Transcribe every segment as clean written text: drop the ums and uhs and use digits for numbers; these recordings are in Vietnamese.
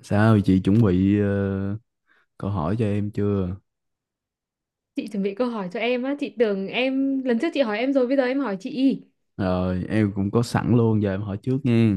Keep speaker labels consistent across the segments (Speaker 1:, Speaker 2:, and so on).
Speaker 1: Sao chị chuẩn bị câu hỏi cho em chưa?
Speaker 2: Chị chuẩn bị câu hỏi cho em á, chị tưởng em lần trước chị hỏi em rồi bây giờ em hỏi chị.
Speaker 1: Rồi em cũng có sẵn luôn giờ em hỏi trước nha.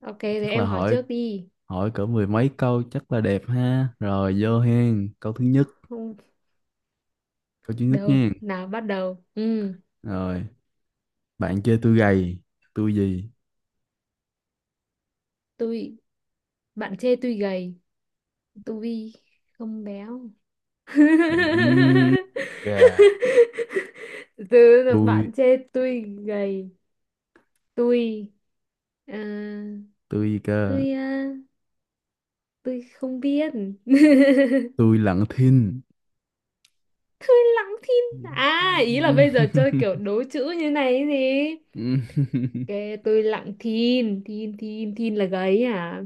Speaker 2: Ok, thế
Speaker 1: Chắc là
Speaker 2: em hỏi
Speaker 1: hỏi
Speaker 2: trước đi.
Speaker 1: hỏi cỡ mười mấy câu chắc là đẹp ha. Rồi vô hen,
Speaker 2: Không,
Speaker 1: câu thứ nhất
Speaker 2: đâu,
Speaker 1: nha.
Speaker 2: nào bắt đầu. Ừ,
Speaker 1: Rồi, bạn chơi tôi gầy, tôi gì?
Speaker 2: tôi bạn chê tôi gầy, tôi không béo.
Speaker 1: Ừm, gà,
Speaker 2: Từ là
Speaker 1: tôi
Speaker 2: bạn chê tôi gầy, tôi à,
Speaker 1: tôi gì cơ?
Speaker 2: tôi à, tôi không biết.
Speaker 1: Tôi lặng thinh.
Speaker 2: Tôi lắng thinh. À, ý là bây giờ chơi kiểu đố chữ như này ấy gì? Kệ tôi lặng thin, thin, thin, thin là gáy à?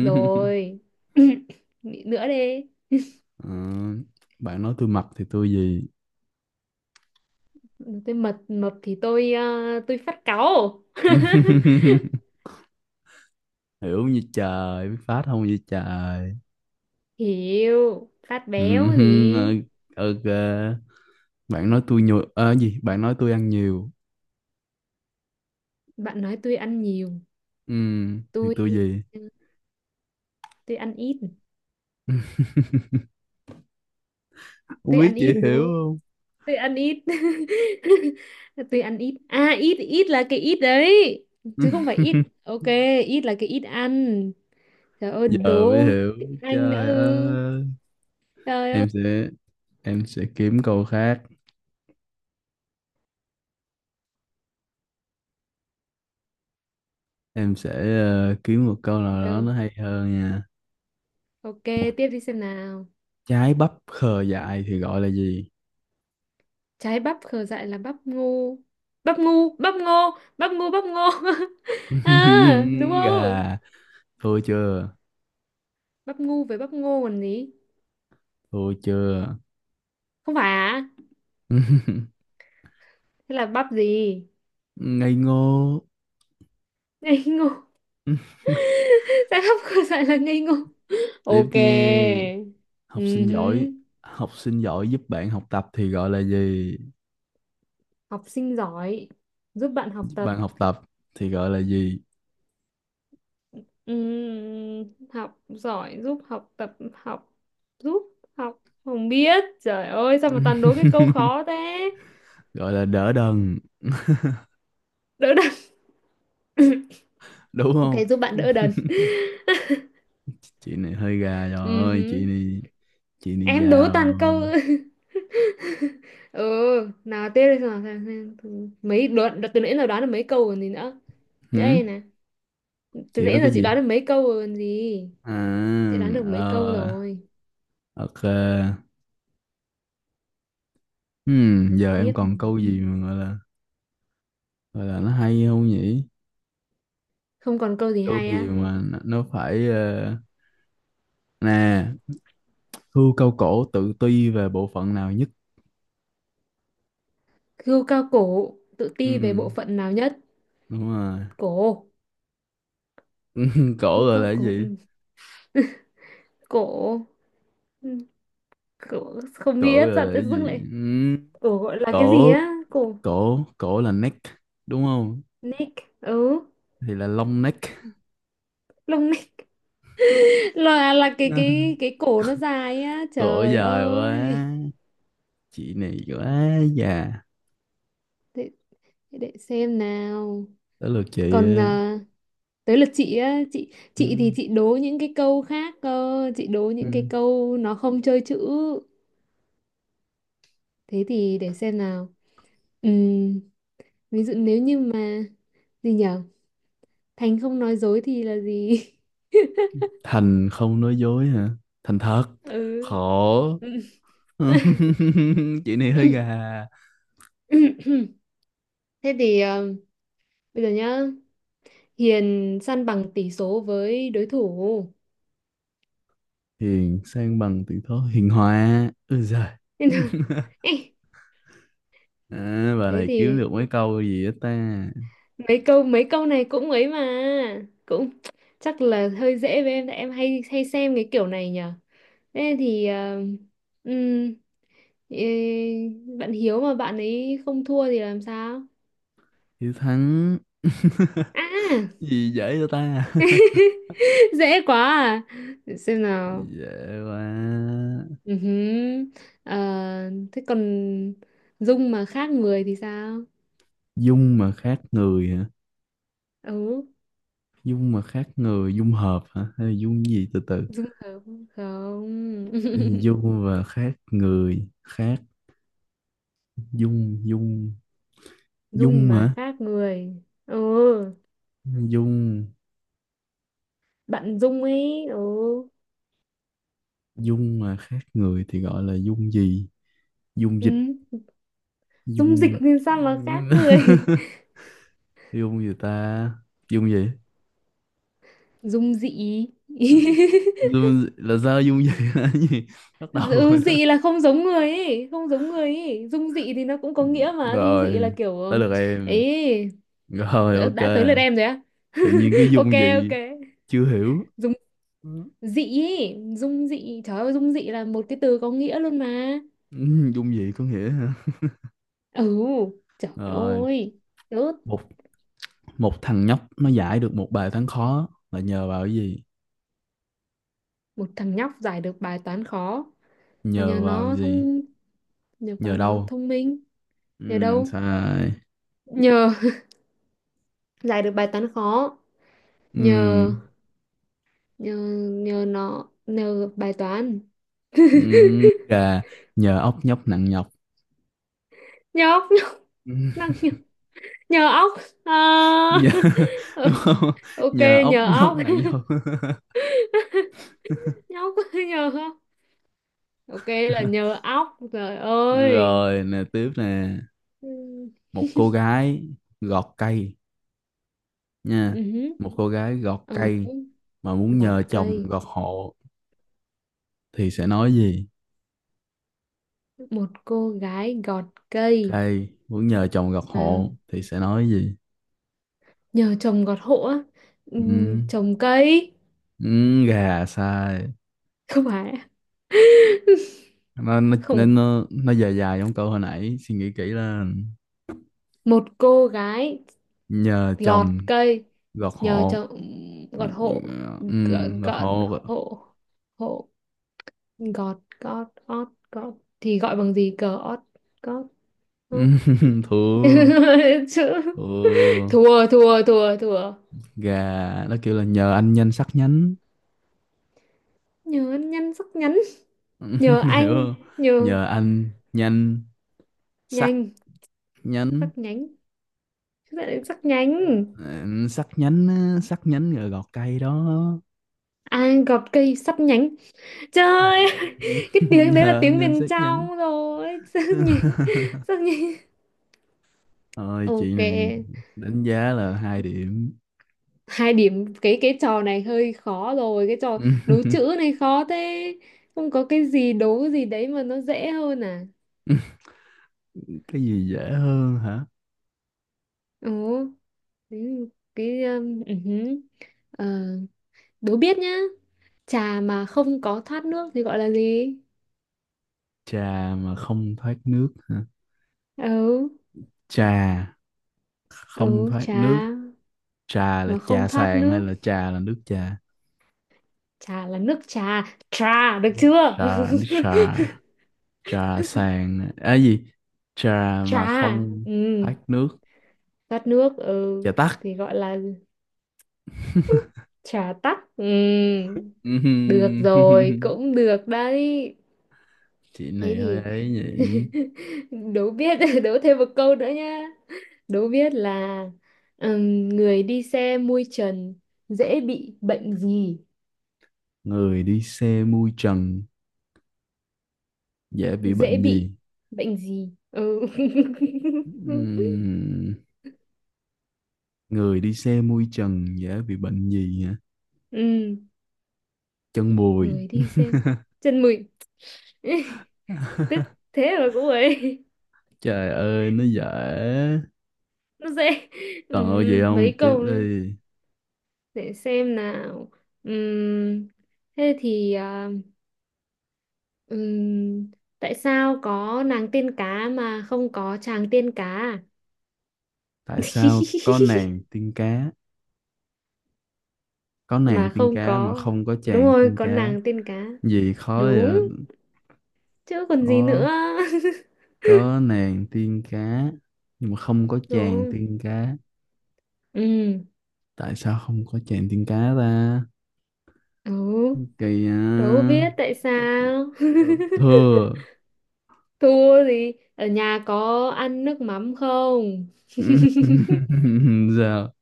Speaker 2: Rồi. Nghĩ nữa đi.
Speaker 1: Ờ, bạn nói tôi mập thì tôi gì?
Speaker 2: Tôi mập mập thì tôi phát cáu.
Speaker 1: Hiểu như trời biết phát không như trời.
Speaker 2: Hiểu, phát
Speaker 1: ừ,
Speaker 2: béo
Speaker 1: hừ,
Speaker 2: gì?
Speaker 1: ok, bạn nói tôi nhiều ờ gì bạn nói tôi ăn nhiều,
Speaker 2: Bạn nói tôi ăn nhiều,
Speaker 1: ừ, thì
Speaker 2: tôi
Speaker 1: tôi gì,
Speaker 2: ờ, tôi ăn ít,
Speaker 1: không biết chị
Speaker 2: đúng
Speaker 1: hiểu
Speaker 2: không?
Speaker 1: không.
Speaker 2: Tôi ăn ít. Tôi ăn ít. À, ít ít là cái ít đấy. Chứ không phải ít. Ok, ít là cái ít ăn. Trời ơi,
Speaker 1: Giờ
Speaker 2: đố
Speaker 1: mới hiểu.
Speaker 2: tiếng Anh nữa.
Speaker 1: Trời
Speaker 2: Ư.
Speaker 1: ơi,
Speaker 2: Trời.
Speaker 1: em sẽ em sẽ kiếm câu khác. em sẽ Kiếm một câu nào đó
Speaker 2: Được.
Speaker 1: nó hay hơn nha.
Speaker 2: Ok, tiếp đi xem nào.
Speaker 1: Trái bắp khờ dại thì gọi là gì?
Speaker 2: Trái bắp khờ dại là bắp ngu. Bắp ngu, bắp ngô, bắp ngu, bắp ngô. À, đúng không?
Speaker 1: Gà, thua chưa,
Speaker 2: Bắp ngu với bắp ngô còn gì?
Speaker 1: thua chưa?
Speaker 2: Không phải à? Thế là bắp gì?
Speaker 1: Ngây ngô.
Speaker 2: Ngây ngô. Trái bắp khờ dại là ngây ngô.
Speaker 1: Tiếp
Speaker 2: Ok.
Speaker 1: như học sinh giỏi,
Speaker 2: Ừhứ.
Speaker 1: học sinh giỏi giúp bạn học tập thì gọi là gì?
Speaker 2: Học sinh giỏi. Giúp bạn học
Speaker 1: Giúp
Speaker 2: tập.
Speaker 1: bạn học tập thì gọi là gì?
Speaker 2: Học giỏi, giúp học tập, học, giúp học. Không biết. Trời ơi, sao mà toàn đố cái câu khó thế?
Speaker 1: Gọi là đỡ đần,
Speaker 2: Đỡ đần.
Speaker 1: đúng
Speaker 2: Ok,
Speaker 1: không?
Speaker 2: giúp bạn đỡ đần.
Speaker 1: Chị này hơi gà
Speaker 2: Ừ
Speaker 1: rồi, chị
Speaker 2: hứ.
Speaker 1: này chị này
Speaker 2: Em
Speaker 1: già
Speaker 2: đố
Speaker 1: rồi.
Speaker 2: toàn câu. Ừ, nào tiếp đi nào. Xem. Từ nãy giờ đoán được mấy câu còn gì nữa. Nhớ
Speaker 1: Hử?
Speaker 2: đây nè. Từ
Speaker 1: Chị nói
Speaker 2: nãy giờ
Speaker 1: cái
Speaker 2: chị
Speaker 1: gì?
Speaker 2: đoán được mấy câu rồi còn gì.
Speaker 1: À,
Speaker 2: Chị đoán được mấy câu
Speaker 1: ờ,
Speaker 2: rồi.
Speaker 1: ok. Giờ em
Speaker 2: Tiếp.
Speaker 1: còn câu gì mà gọi là, gọi là nó hay không nhỉ?
Speaker 2: Không còn câu gì
Speaker 1: Câu
Speaker 2: hay
Speaker 1: gì
Speaker 2: á.
Speaker 1: mà nó phải nè, hươu câu cổ tự ti về bộ phận nào nhất?
Speaker 2: Hươu cao cổ, tự
Speaker 1: Ừ,
Speaker 2: ti về bộ phận nào nhất?
Speaker 1: đúng rồi.
Speaker 2: Cổ.
Speaker 1: Cổ
Speaker 2: Hươu
Speaker 1: rồi là
Speaker 2: cao
Speaker 1: cái
Speaker 2: cổ.
Speaker 1: gì?
Speaker 2: Ừ. Cổ. Ừ. Cổ. Không
Speaker 1: Cổ
Speaker 2: biết,
Speaker 1: rồi
Speaker 2: sao
Speaker 1: là
Speaker 2: tự
Speaker 1: cái
Speaker 2: dưng
Speaker 1: gì?
Speaker 2: lại.
Speaker 1: Ừ.
Speaker 2: Cổ gọi là cái gì
Speaker 1: Cổ,
Speaker 2: á? Cổ.
Speaker 1: cổ, cổ là neck, đúng không?
Speaker 2: Neck. Ừ.
Speaker 1: Thì là long neck.
Speaker 2: Lông là cái cái cái cổ nó dài á,
Speaker 1: Cổ
Speaker 2: trời
Speaker 1: dài quá,
Speaker 2: ơi.
Speaker 1: chị này quá già.
Speaker 2: Để, để xem nào.
Speaker 1: Tới lượt chị.
Speaker 2: còn à, Tới lượt chị á, chị
Speaker 1: Ừ.
Speaker 2: thì chị đố những cái câu khác cơ, chị đố những
Speaker 1: Ừ.
Speaker 2: cái câu nó không chơi chữ. Thế thì để xem nào. Ừm, Ví dụ nếu như mà gì nhở? Thành không nói dối thì là gì?
Speaker 1: Thành không nói dối hả? Thành thật.
Speaker 2: Ừ.
Speaker 1: Khổ. Chị này hơi gà.
Speaker 2: Thế thì, bây giờ nhá. Hiền săn bằng tỷ số với đối thủ.
Speaker 1: Hiền sang bằng tự thố hiền hòa. Ôi giời.
Speaker 2: Thế nào? Ê,
Speaker 1: À, bà
Speaker 2: thế
Speaker 1: này kiếm
Speaker 2: thì
Speaker 1: được mấy câu gì á ta?
Speaker 2: mấy câu này cũng ấy mà, cũng chắc là hơi dễ với em, tại em hay hay xem cái kiểu này nhở. Thế thì ừm, ê, bạn Hiếu mà bạn ấy không thua thì làm sao?
Speaker 1: Hiếu Thắng.
Speaker 2: À.
Speaker 1: Gì dễ cho ta?
Speaker 2: Dễ quá à, để xem nào.
Speaker 1: Dễ quá.
Speaker 2: Ừ hứ. Ờ, thế còn Dung mà khác người thì sao?
Speaker 1: Dung mà khác người hả?
Speaker 2: Ừ.
Speaker 1: Dung mà khác người, dung hợp hả? Hay là dung gì từ từ?
Speaker 2: Dung hợp không?
Speaker 1: Dung và khác người, khác dung, dung,
Speaker 2: Dung
Speaker 1: dung
Speaker 2: mà
Speaker 1: hả?
Speaker 2: khác người? Ừ,
Speaker 1: Dung,
Speaker 2: bạn Dung ấy, ừ.
Speaker 1: dung mà khác người thì gọi là dung gì? Dung
Speaker 2: Ừ.
Speaker 1: dịch,
Speaker 2: Dung dịch
Speaker 1: dung...
Speaker 2: thì sao mà khác người?
Speaker 1: dung gì ta? Dung gì?
Speaker 2: Dung dị.
Speaker 1: Ừ. Zoom là sao dung gì là gì, bắt đầu
Speaker 2: Ừ,
Speaker 1: rồi đó.
Speaker 2: dị là không giống người ấy, không giống người ấy. Dung dị thì nó cũng
Speaker 1: Ừ,
Speaker 2: có nghĩa mà, Dung dị là
Speaker 1: rồi
Speaker 2: kiểu
Speaker 1: tới được em
Speaker 2: ấy.
Speaker 1: rồi,
Speaker 2: đã,
Speaker 1: ok,
Speaker 2: đã tới lượt em rồi á.
Speaker 1: tự nhiên cái
Speaker 2: Ok,
Speaker 1: dung
Speaker 2: ok,
Speaker 1: gì, chưa hiểu.
Speaker 2: Dung
Speaker 1: Ừ.
Speaker 2: dị ấy. Dung dị, trời ơi, Dung dị là một cái từ có nghĩa luôn mà.
Speaker 1: Ừ, dung gì có nghĩa hả,
Speaker 2: Ừ, trời
Speaker 1: rồi.
Speaker 2: ơi, rớt.
Speaker 1: Một một thằng nhóc nó giải được một bài toán khó là nhờ vào cái gì?
Speaker 2: Một thằng nhóc giải được bài toán khó là
Speaker 1: Nhờ vào cái gì?
Speaker 2: nhờ vào
Speaker 1: Nhờ
Speaker 2: nó
Speaker 1: đâu?
Speaker 2: thông minh. Nhờ
Speaker 1: ừ,
Speaker 2: đâu?
Speaker 1: Sai.
Speaker 2: Nhờ giải được bài toán khó.
Speaker 1: ừ,
Speaker 2: Nhờ nhờ nhờ nó, nhờ bài toán.
Speaker 1: ừ, Gà, nhờ ốc nhóc nặng nhọc.
Speaker 2: Nhờ óc,
Speaker 1: Ừ,
Speaker 2: nhờ nhờ óc. Ờ,
Speaker 1: nhờ. Đúng không?
Speaker 2: ok,
Speaker 1: Nhờ ốc
Speaker 2: nhờ
Speaker 1: nhóc
Speaker 2: óc.
Speaker 1: nặng nhọc.
Speaker 2: Nhờ óc, nhờ óc. Ok, là nhờ óc, trời ơi.
Speaker 1: Rồi nè, tiếp nè,
Speaker 2: Ừ.
Speaker 1: một cô gái gọt cây nha,
Speaker 2: Ừ,
Speaker 1: một cô gái gọt
Speaker 2: Ở,
Speaker 1: cây mà muốn
Speaker 2: gọt
Speaker 1: nhờ chồng
Speaker 2: cây.
Speaker 1: gọt hộ thì sẽ nói gì?
Speaker 2: Một cô gái gọt cây
Speaker 1: Cây muốn nhờ chồng gọt
Speaker 2: mà
Speaker 1: hộ thì sẽ nói gì?
Speaker 2: nhờ chồng gọt hộ á. Ừ,
Speaker 1: ừ,
Speaker 2: trồng cây.
Speaker 1: ừ, gà, sai.
Speaker 2: Không phải.
Speaker 1: nó nó
Speaker 2: Không,
Speaker 1: nó nó dài dài, giống câu hồi nãy, suy nghĩ kỹ là
Speaker 2: một cô gái
Speaker 1: nhờ
Speaker 2: gọt
Speaker 1: chồng
Speaker 2: cây
Speaker 1: gọt
Speaker 2: nhờ
Speaker 1: hộ.
Speaker 2: chồng gọt hộ. gọt,
Speaker 1: Ừ, gọt
Speaker 2: gọt
Speaker 1: hộ.
Speaker 2: hộ, hộ, gọt, gót, ót, gót. Thì gọi bằng gì? Cờ ót, gót, không.
Speaker 1: Thua. Thua.
Speaker 2: Chữ.
Speaker 1: Ừ,
Speaker 2: Thua, thua, thua, thua.
Speaker 1: gà, nó kêu là nhờ anh nhanh sắc nhánh.
Speaker 2: Nhớ nhăn sắc nhắn. Nhờ
Speaker 1: Hiểu
Speaker 2: anh,
Speaker 1: không?
Speaker 2: nhờ,
Speaker 1: Nhờ anh nhanh sắc
Speaker 2: nhanh,
Speaker 1: nhánh.
Speaker 2: sắc nhánh. Sao lại sắc nhánh?
Speaker 1: Ừ, sắc nhánh á, sắc nhánh rồi gọt cây đó.
Speaker 2: À, gọt cây sắt nhánh, trời ơi. Cái tiếng đấy là
Speaker 1: Nhờ anh
Speaker 2: tiếng
Speaker 1: nhanh
Speaker 2: miền
Speaker 1: sắc nhánh.
Speaker 2: trong rồi. Sắc nhánh. Sắc nhánh.
Speaker 1: Ôi chị
Speaker 2: Ok.
Speaker 1: này đánh giá là hai điểm.
Speaker 2: Hai điểm, cái trò này hơi khó rồi, cái trò đố chữ này khó thế. Không có cái gì đố gì đấy mà nó dễ hơn à?
Speaker 1: Cái gì dễ hơn hả?
Speaker 2: Ồ, thế, cái ừ hứ. Ờ, đố biết nhá. Trà mà không có thoát nước thì gọi là gì?
Speaker 1: Trà mà không thoát nước hả?
Speaker 2: Ừ.
Speaker 1: Trà không
Speaker 2: Ừ,
Speaker 1: thoát
Speaker 2: trà
Speaker 1: nước. Trà là
Speaker 2: mà không
Speaker 1: trà
Speaker 2: thoát
Speaker 1: sàn hay
Speaker 2: nước.
Speaker 1: là trà là nước trà?
Speaker 2: Trà là nước trà. Trà được chưa?
Speaker 1: Trà là nước trà, trà sàn à gì, trà mà
Speaker 2: Trà,
Speaker 1: không
Speaker 2: ừ,
Speaker 1: thoát nước.
Speaker 2: tắt nước, ừ,
Speaker 1: Trà tắc.
Speaker 2: thì gọi là trà tắt, ừ. Được rồi, cũng được đấy.
Speaker 1: Chị
Speaker 2: Thế
Speaker 1: này hơi
Speaker 2: thì,
Speaker 1: ấy nhỉ.
Speaker 2: đố biết, đố thêm một câu nữa nhá. Đố biết là người đi xe mui trần dễ bị bệnh gì?
Speaker 1: Người đi xe mui trần dễ bị
Speaker 2: Dễ
Speaker 1: bệnh gì?
Speaker 2: bị bệnh gì? Ừ.
Speaker 1: Ừm, Người đi xe mui trần dễ bị bệnh gì hả?
Speaker 2: Ừm,
Speaker 1: Chân bùi.
Speaker 2: người đi xe chân mùi. Tức thế mà cũng ấy.
Speaker 1: Trời ơi nó dễ.
Speaker 2: Nó dễ.
Speaker 1: Còn ơi gì không,
Speaker 2: Mấy
Speaker 1: tiếp
Speaker 2: câu nữa.
Speaker 1: đi.
Speaker 2: Để xem nào. Ừm, thế thì, Ừm, tại sao có nàng tiên cá mà không có chàng tiên cá à?
Speaker 1: Tại sao có nàng tiên cá, có nàng
Speaker 2: Mà
Speaker 1: tiên
Speaker 2: không
Speaker 1: cá mà
Speaker 2: có.
Speaker 1: không có
Speaker 2: Đúng
Speaker 1: chàng
Speaker 2: rồi,
Speaker 1: tiên
Speaker 2: có
Speaker 1: cá?
Speaker 2: nàng tiên cá.
Speaker 1: Gì khó vậy?
Speaker 2: Đúng, chứ còn gì
Speaker 1: có
Speaker 2: nữa.
Speaker 1: có nàng tiên cá nhưng mà không có
Speaker 2: Đúng
Speaker 1: chàng
Speaker 2: không?
Speaker 1: tiên cá,
Speaker 2: Ừ.
Speaker 1: tại sao không có chàng tiên cá ta?
Speaker 2: Ừ,
Speaker 1: Kỳ à,
Speaker 2: đâu biết tại sao.
Speaker 1: Ờ, thưa.
Speaker 2: Thua gì, ở nhà có ăn nước mắm không?
Speaker 1: Sao?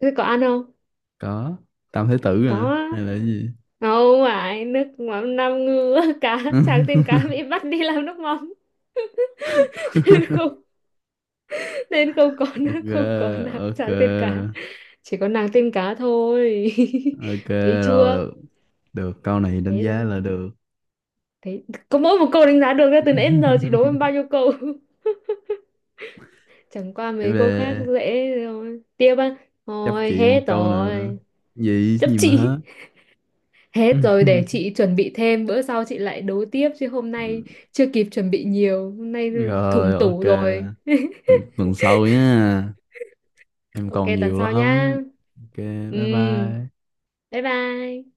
Speaker 2: Thế có ăn không?
Speaker 1: Có tam thái tử
Speaker 2: Có
Speaker 1: à
Speaker 2: á.
Speaker 1: hay là cái gì?
Speaker 2: Không phải nước mắm năm ngư, cá chàng tiên cá bị bắt đi làm nước mắm, nên không có, nó
Speaker 1: Ok,
Speaker 2: không có nàng
Speaker 1: ok,
Speaker 2: chàng tên cá. Chỉ có nàng tên cá thôi.
Speaker 1: ok,
Speaker 2: Thấy
Speaker 1: rồi
Speaker 2: chưa?
Speaker 1: được, được câu này đánh giá
Speaker 2: Thế,
Speaker 1: là được.
Speaker 2: thấy có mỗi một câu đánh giá được, ra từ nãy đến giờ chị đố em bao nhiêu câu. Chẳng qua
Speaker 1: Tiếp
Speaker 2: mấy câu khác
Speaker 1: về,
Speaker 2: dễ rồi, tiếp á.
Speaker 1: chấp
Speaker 2: Thôi,
Speaker 1: chị một
Speaker 2: hết
Speaker 1: câu nữa,
Speaker 2: rồi.
Speaker 1: gì
Speaker 2: Chấp
Speaker 1: gì mà
Speaker 2: chị.
Speaker 1: hết.
Speaker 2: Hết rồi, để chị chuẩn bị thêm bữa sau chị lại đố tiếp, chứ hôm nay chưa kịp chuẩn bị nhiều hôm nay,
Speaker 1: Rồi,
Speaker 2: thủng
Speaker 1: ok,
Speaker 2: tủ rồi.
Speaker 1: tuần sau nhá, em
Speaker 2: Ok,
Speaker 1: còn
Speaker 2: tuần
Speaker 1: nhiều
Speaker 2: sau nhá.
Speaker 1: lắm. Ok,
Speaker 2: Ừ.
Speaker 1: bye bye.
Speaker 2: Bye bye.